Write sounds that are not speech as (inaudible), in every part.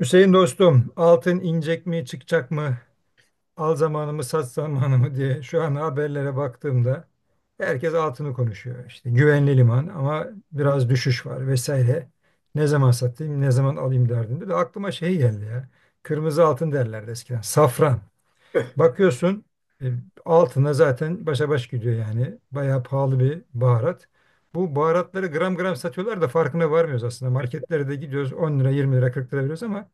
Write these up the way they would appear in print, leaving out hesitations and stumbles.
Hüseyin dostum, altın inecek mi, çıkacak mı, al zamanımı, sat zamanımı diye şu an haberlere baktığımda herkes altını konuşuyor. İşte güvenli liman ama biraz düşüş var vesaire. Ne zaman satayım, ne zaman alayım derdinde de aklıma şey geldi ya. Kırmızı altın derlerdi eskiden. Safran. Bakıyorsun e, altına zaten başa baş gidiyor yani. Bayağı pahalı bir baharat. Bu baharatları gram gram satıyorlar da farkına varmıyoruz aslında. Marketlere de gidiyoruz 10 lira 20 lira 40 lira veriyoruz ama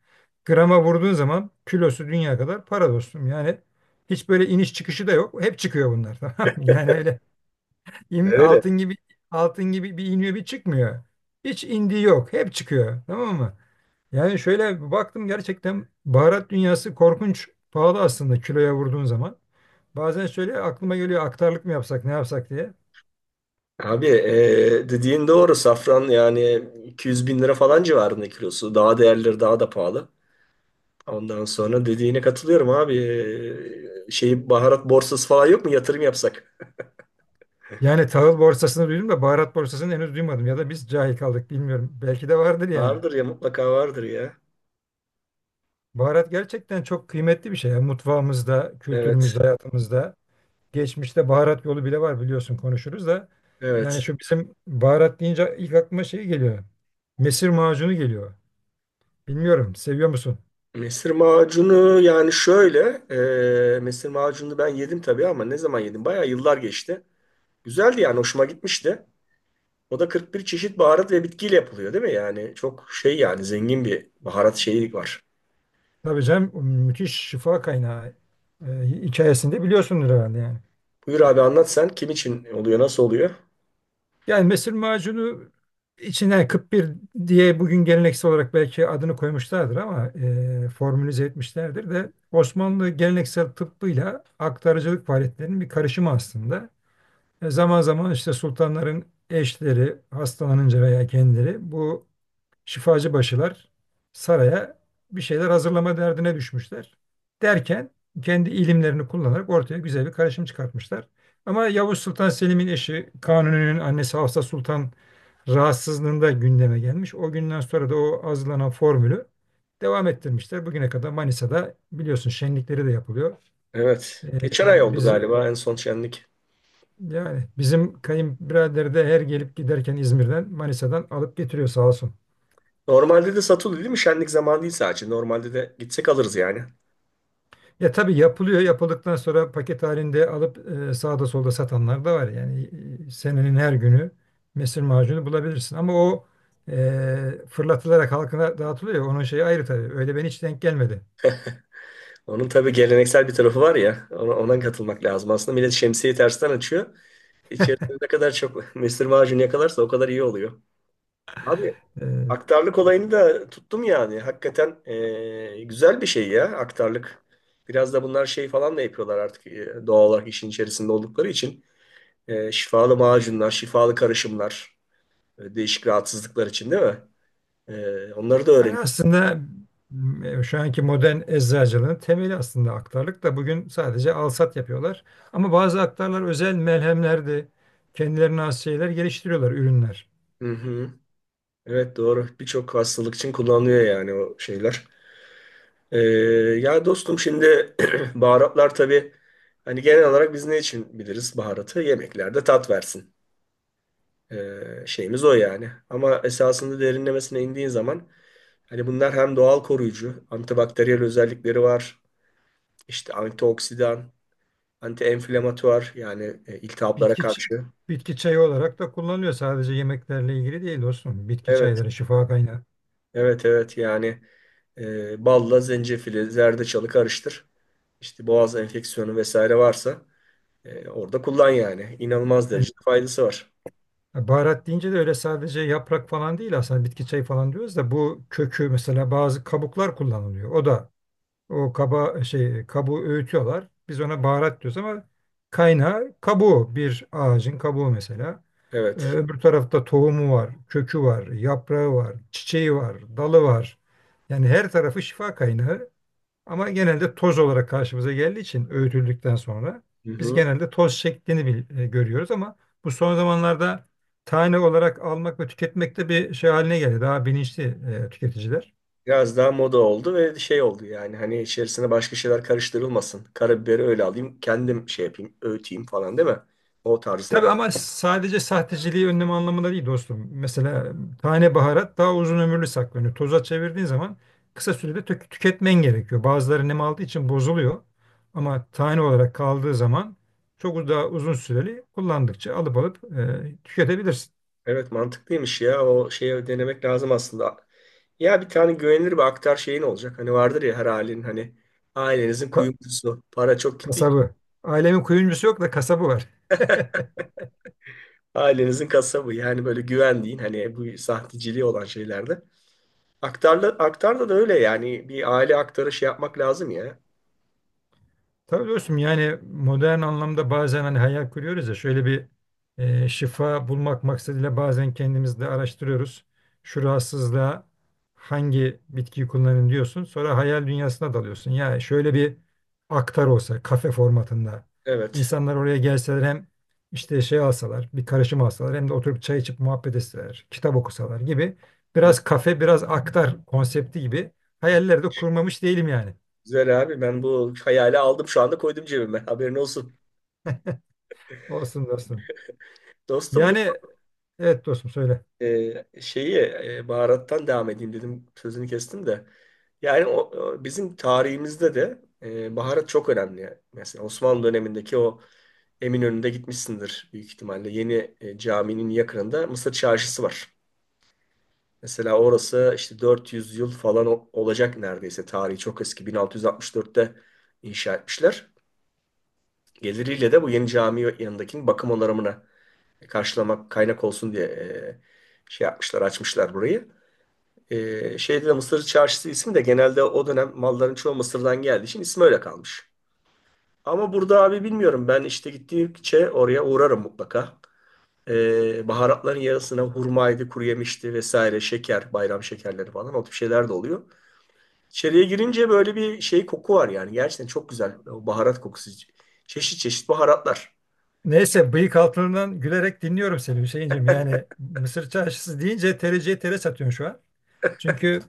grama vurduğun zaman kilosu dünya kadar para dostum. Yani hiç böyle iniş çıkışı da yok. Hep çıkıyor bunlar (laughs) tamam mı? Yani öyle Öyle. altın gibi, altın gibi bir iniyor bir çıkmıyor. Hiç indiği yok. Hep çıkıyor. Tamam mı? Yani şöyle bir baktım gerçekten baharat dünyası korkunç pahalı aslında kiloya vurduğun zaman. Bazen şöyle aklıma geliyor aktarlık mı yapsak ne yapsak diye. Abi dediğin doğru. Safran yani 200.000 lira falan civarında kilosu. Daha değerleri daha da pahalı. Ondan sonra dediğine katılıyorum abi. Şey, baharat borsası falan yok mu? Yatırım yapsak. Yani tahıl borsasını duydum da baharat borsasını henüz duymadım ya da biz cahil kaldık bilmiyorum. Belki de vardır yani. Vardır ya, mutlaka vardır ya. Baharat gerçekten çok kıymetli bir şey. Yani mutfağımızda, Evet. kültürümüzde, hayatımızda. Geçmişte baharat yolu bile var biliyorsun konuşuruz da. Evet. Yani şu bizim baharat deyince ilk aklıma şey geliyor. Mesir macunu geliyor. Bilmiyorum seviyor musun? Mesir macunu yani şöyle. Mesir macunu ben yedim tabii ama ne zaman yedim? Bayağı yıllar geçti. Güzeldi, yani hoşuma gitmişti. O da 41 çeşit baharat ve bitkiyle yapılıyor, değil mi? Yani çok şey, yani zengin bir baharat şeyi var. Tabii canım müthiş şifa kaynağı, hikayesinde biliyorsundur herhalde yani. Buyur abi, anlat sen. Kim için oluyor? Nasıl oluyor? Yani mesir macunu içine 41 diye bugün geleneksel olarak belki adını koymuşlardır ama formülize etmişlerdir de Osmanlı geleneksel tıbbıyla aktarıcılık faaliyetlerinin bir karışımı aslında. Zaman zaman işte sultanların eşleri hastalanınca veya kendileri bu şifacı başılar saraya bir şeyler hazırlama derdine düşmüşler. Derken kendi ilimlerini kullanarak ortaya güzel bir karışım çıkartmışlar. Ama Yavuz Sultan Selim'in eşi Kanuni'nin annesi Hafsa Sultan rahatsızlığında gündeme gelmiş. O günden sonra da o hazırlanan formülü devam ettirmişler. Bugüne kadar Manisa'da biliyorsun şenlikleri de yapılıyor. Evet. E, Geçen ay oldu biz, galiba en son şenlik. yani bizim kayınbirader de her gelip giderken İzmir'den Manisa'dan alıp getiriyor sağ olsun. Normalde de satılıyor, değil mi? Şenlik zamanı değil sadece. Normalde de gitsek alırız yani. Ya tabii yapılıyor. Yapıldıktan sonra paket halinde alıp sağda solda satanlar da var. Yani senenin her günü mesir macunu bulabilirsin. Ama o fırlatılarak halkına dağıtılıyor. Ya, onun şeyi ayrı tabii. Öyle ben hiç denk gelmedi. Onun tabii geleneksel bir tarafı var ya. Ona katılmak lazım. Aslında millet şemsiyeyi tersten açıyor. İçerisinde ne kadar çok (laughs) mesir macunu yakalarsa o kadar iyi oluyor. Abi, E, aktarlık olayını da tuttum yani. Hakikaten güzel bir şey ya aktarlık. Biraz da bunlar şey falan da yapıyorlar artık, doğal olarak işin içerisinde oldukları için. Şifalı macunlar, şifalı karışımlar, değişik rahatsızlıklar için, değil mi? Onları da Yani öğren. aslında şu anki modern eczacılığın temeli aslında aktarlık da bugün sadece alsat yapıyorlar. Ama bazı aktarlar özel melhemler de kendilerine has şeyler geliştiriyorlar, ürünler. Hı hı. Evet, doğru. Birçok hastalık için kullanılıyor yani, o şeyler. E, ya dostum, şimdi (clears throat) baharatlar tabii, hani genel olarak biz ne için biliriz baharatı? Yemeklerde tat versin. E, şeyimiz o yani. Ama esasında derinlemesine indiğin zaman, hani bunlar hem doğal koruyucu, antibakteriyel özellikleri var. İşte antioksidan, anti-enflamatuar, yani iltihaplara Bitki ç- karşı. Bitki çayı olarak da kullanılıyor. Sadece yemeklerle ilgili değil dostum. Bitki Evet, çayları şifa kaynağı. evet, evet. Yani balla zencefili, zerdeçalı karıştır. İşte boğaz enfeksiyonu vesaire varsa orada kullan yani. İnanılmaz Yani derecede faydası var. baharat deyince de öyle sadece yaprak falan değil aslında bitki çayı falan diyoruz da bu kökü mesela bazı kabuklar kullanılıyor. O kaba şey kabuğu öğütüyorlar. Biz ona baharat diyoruz ama kaynağı kabuğu bir ağacın kabuğu mesela. Evet. Öbür tarafta tohumu var, kökü var, yaprağı var, çiçeği var, dalı var. Yani her tarafı şifa kaynağı ama genelde toz olarak karşımıza geldiği için öğütüldükten sonra Hı biz hı. genelde toz şeklini görüyoruz ama bu son zamanlarda tane olarak almak ve tüketmek de bir şey haline geldi. Daha bilinçli tüketiciler. Biraz daha moda oldu ve şey oldu yani, hani içerisine başka şeyler karıştırılmasın. Karabiberi öyle alayım, kendim şey yapayım, öğüteyim falan, değil mi? O tarzı. Tabii ama sadece sahteciliği önleme anlamında değil dostum. Mesela tane baharat daha uzun ömürlü saklanıyor. Toza çevirdiğin zaman kısa sürede tüketmen gerekiyor. Bazıları nem aldığı için bozuluyor. Ama tane olarak kaldığı zaman daha uzun süreli kullandıkça alıp alıp tüketebilirsin. Evet, mantıklıymış ya. O şeyi denemek lazım aslında. Ya, bir tane güvenilir bir aktar şeyin olacak. Hani vardır ya, her ailenin, hani ailenizin Ka- kuyumcusu. Para çok gitti. Kasabı. Ailemin kuyumcusu yok da kasabı var. (laughs) Ailenizin kasabı. Yani böyle güvendiğin, hani bu sahteciliği olan şeylerde. Aktarla, aktarda da öyle yani. Bir aile aktarı şey yapmak lazım ya. Tabii dostum yani modern anlamda bazen hani hayal kuruyoruz ya şöyle bir, şifa bulmak maksadıyla bazen kendimiz de araştırıyoruz. Şu rahatsızlığa hangi bitkiyi kullanın diyorsun. Sonra hayal dünyasına dalıyorsun. Ya şöyle bir aktar olsa kafe formatında Evet. insanlar oraya gelseler hem işte şey alsalar bir karışım alsalar hem de oturup çay içip muhabbet etseler kitap okusalar gibi, Hı. biraz kafe biraz aktar konsepti gibi hayaller de kurmamış değilim yani. Güzel abi, ben bu hayali aldım şu anda, koydum cebime. Haberin olsun. Olsun dostum. Dostum, Yani evet dostum söyle. Şeyi, baharattan devam edeyim dedim, sözünü kestim de. Yani o bizim tarihimizde de baharat çok önemli. Mesela Osmanlı dönemindeki o Eminönü'nde gitmişsindir büyük ihtimalle. Yeni caminin yakınında Mısır Çarşısı var. Mesela orası işte 400 yıl falan olacak neredeyse. Tarihi çok eski. 1664'te inşa etmişler. Geliriyle de bu yeni cami yanındakinin bakım onarımına karşılamak kaynak olsun diye şey yapmışlar, açmışlar burayı. Şeyde de Mısır Çarşısı ismi de, genelde o dönem malların çoğu Mısır'dan geldiği için, ismi öyle kalmış. Ama burada abi, bilmiyorum, ben işte gittikçe oraya uğrarım mutlaka. Baharatların yarısına hurmaydı, kuru yemişti vesaire, şeker, bayram şekerleri falan, o tip şeyler de oluyor. İçeriye girince böyle bir şey koku var yani, gerçekten çok güzel o baharat kokusu. Çeşit çeşit baharatlar. Neyse bıyık altından gülerek dinliyorum seni Hüseyinciğim. Yani Mısır çarşısı deyince tereciye tere satıyorsun şu an. Çünkü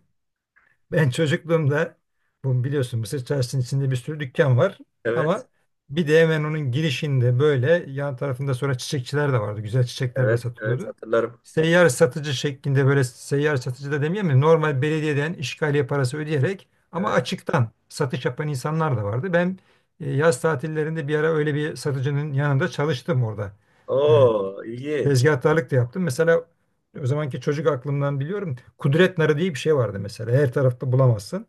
ben çocukluğumda, bu biliyorsun Mısır Çarşısı'nın içinde bir sürü dükkan var Evet, ama bir de hemen onun girişinde böyle yan tarafında sonra çiçekçiler de vardı. Güzel çiçekler de evet, evet, satılıyordu. hatırlarım. Seyyar satıcı şeklinde böyle seyyar satıcı da demeyeyim mi? Normal belediyeden işgaliye parası ödeyerek ama Evet. açıktan satış yapan insanlar da vardı. Ben yaz tatillerinde bir ara öyle bir satıcının yanında çalıştım orada. E, Oo, ilginç. Tezgahtarlık da yaptım. Mesela o zamanki çocuk aklımdan biliyorum. Kudret narı diye bir şey vardı mesela. Her tarafta bulamazsın.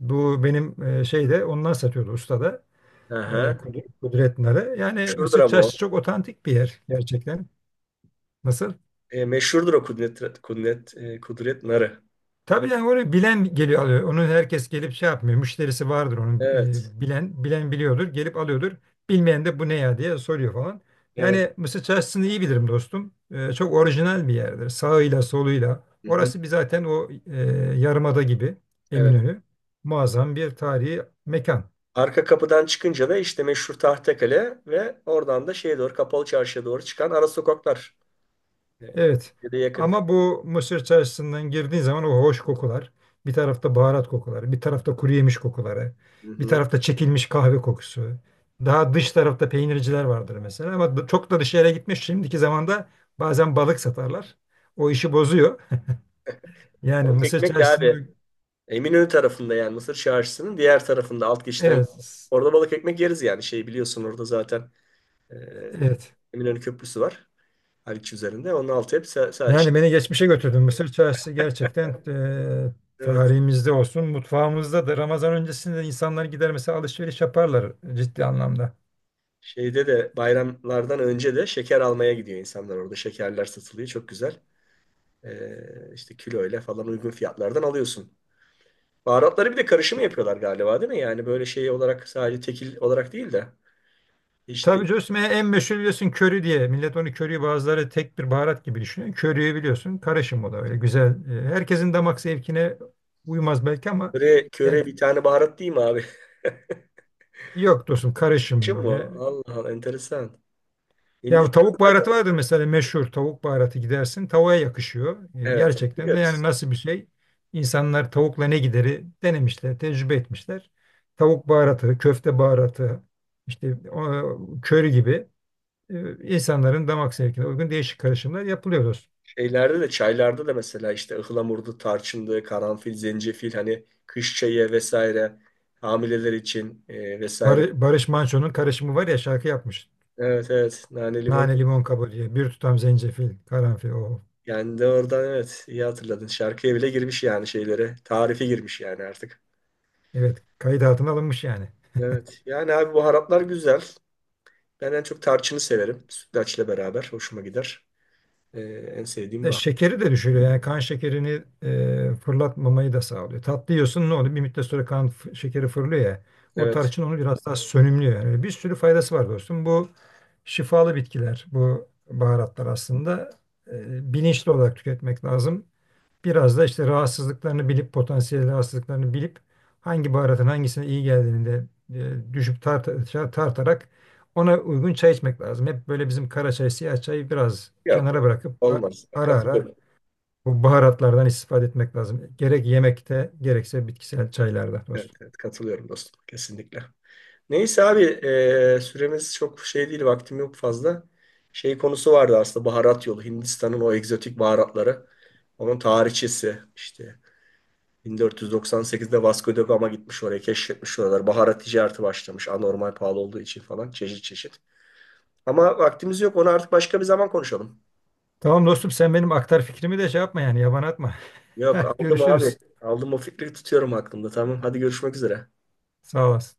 Bu benim şeyde onlar satıyordu ustada. E, Aha. Kudrettinler'e. Yani Şuradır Mısır ama o. Çarşısı çok otantik bir yer gerçekten. Nasıl? Meşhurdur o Kudret Narı. Tabii yani onu bilen geliyor alıyor. Onu herkes gelip şey yapmıyor. Müşterisi vardır onun, Evet. Bilen bilen biliyordur. Gelip alıyordur. Bilmeyen de bu ne ya diye soruyor falan. Evet. Yani Mısır Çarşısı'nı iyi bilirim dostum. E, çok orijinal bir yerdir. Sağıyla soluyla. Hı hı. Orası bir zaten yarımada gibi, Evet. Eminönü. Muazzam bir tarihi mekan. Arka kapıdan çıkınca da işte meşhur Tahtekale ve oradan da şeye doğru, Kapalı Çarşı'ya doğru çıkan ara sokaklar. E, Evet. ya da yakın. Ama bu Mısır çarşısından girdiğin zaman o hoş kokular. Bir tarafta baharat kokuları, bir tarafta kuru yemiş kokuları, Hı bir hı. tarafta çekilmiş kahve kokusu. Daha dış tarafta peynirciler vardır mesela ama çok da dışarıya gitmiş. Şimdiki zamanda bazen balık satarlar. O işi bozuyor. Yani Balık Mısır ekmek abi. çarşısını, Eminönü tarafında, yani Mısır Çarşısı'nın diğer tarafında, alt geçitten. evet Orada balık ekmek yeriz yani, şey, biliyorsun orada zaten e, evet. Eminönü Köprüsü var. Haliç üzerinde. Onun altı hep şey. Yani beni geçmişe götürdün. Mısır çarşısı gerçekten Evet. tarihimizde olsun, mutfağımızda da Ramazan öncesinde insanlar gider mesela alışveriş yaparlar ciddi anlamda. Şeyde de bayramlardan önce de şeker almaya gidiyor insanlar orada. Şekerler satılıyor. Çok güzel. İşte kiloyla falan uygun fiyatlardan alıyorsun. Baharatları bir de karışımı yapıyorlar galiba, değil mi? Yani böyle şey olarak sadece tekil olarak değil de işte, Tabii Cosme'ye en meşhur biliyorsun köri diye. Millet onu köriyi bazıları tek bir baharat gibi düşünüyor. Köriyi biliyorsun karışım o da öyle güzel. E, herkesin damak zevkine uymaz belki ama köre, yani köre bir tane baharat değil mi abi? (laughs) yok dostum karışım Karışım mı böyle. o? Allah Allah, enteresan. Ya bu Hindistan tavuk zaten, baharatı vardır mesela meşhur tavuk baharatı gidersin tavuğa yakışıyor. E, evet, gerçekten de yani biliyoruz. nasıl bir şey? İnsanlar tavukla ne gideri denemişler, tecrübe etmişler. Tavuk baharatı, köfte baharatı, işte o, köri gibi, insanların damak zevkine uygun değişik karışımlar yapılıyor. Şeylerde de, çaylarda da mesela, işte ıhlamurdu, tarçındı, karanfil, zencefil, hani kış çayı vesaire, hamileler için, vesaire. Barış Manço'nun karışımı var ya şarkı yapmış. Evet, evet. Nane limon. Nane limon kabuğu diye. Bir tutam zencefil, karanfil. Oh. Yani de oradan, evet, iyi hatırladın. Şarkıya bile girmiş yani şeylere. Tarife girmiş yani artık. Evet kayıt altına alınmış yani. Evet. Yani abi, baharatlar güzel. Ben en çok tarçını severim. Sütlaçla beraber hoşuma gider. Ee, en sevdiğim E, bahar. şekeri de düşürüyor. Yani kan şekerini fırlatmamayı da sağlıyor. Tatlı yiyorsun ne oluyor? Bir müddet sonra şekeri fırlıyor ya. O Evet. tarçın onu biraz daha sönümlüyor. Yani öyle bir sürü faydası var dostum. Bu şifalı bitkiler, bu baharatlar aslında bilinçli olarak tüketmek lazım. Biraz da işte rahatsızlıklarını bilip, potansiyel rahatsızlıklarını bilip hangi baharatın hangisine iyi geldiğini de, tartarak ona uygun çay içmek lazım. Hep böyle bizim kara çay, siyah çayı biraz kenara Yok. bırakıp Olmaz. ara ara Katılıyorum. bu baharatlardan istifade etmek lazım. Gerek yemekte gerekse bitkisel çaylarda Evet, dostum. evet, katılıyorum dostum. Kesinlikle. Neyse abi, süremiz çok şey değil. Vaktim yok fazla. Şey konusu vardı aslında, baharat yolu. Hindistan'ın o egzotik baharatları. Onun tarihçesi işte 1498'de Vasco da Gama gitmiş oraya, keşfetmiş oralar. Baharat ticareti başlamış, anormal pahalı olduğu için falan, çeşit çeşit. Ama vaktimiz yok, onu artık başka bir zaman konuşalım. Tamam dostum sen benim aktar fikrimi de şey yapma yani yaban atma. Yok, (laughs) aldım abi. Görüşürüz. Aldım o fikri, tutuyorum aklımda. Tamam, hadi görüşmek üzere. Sağ olasın.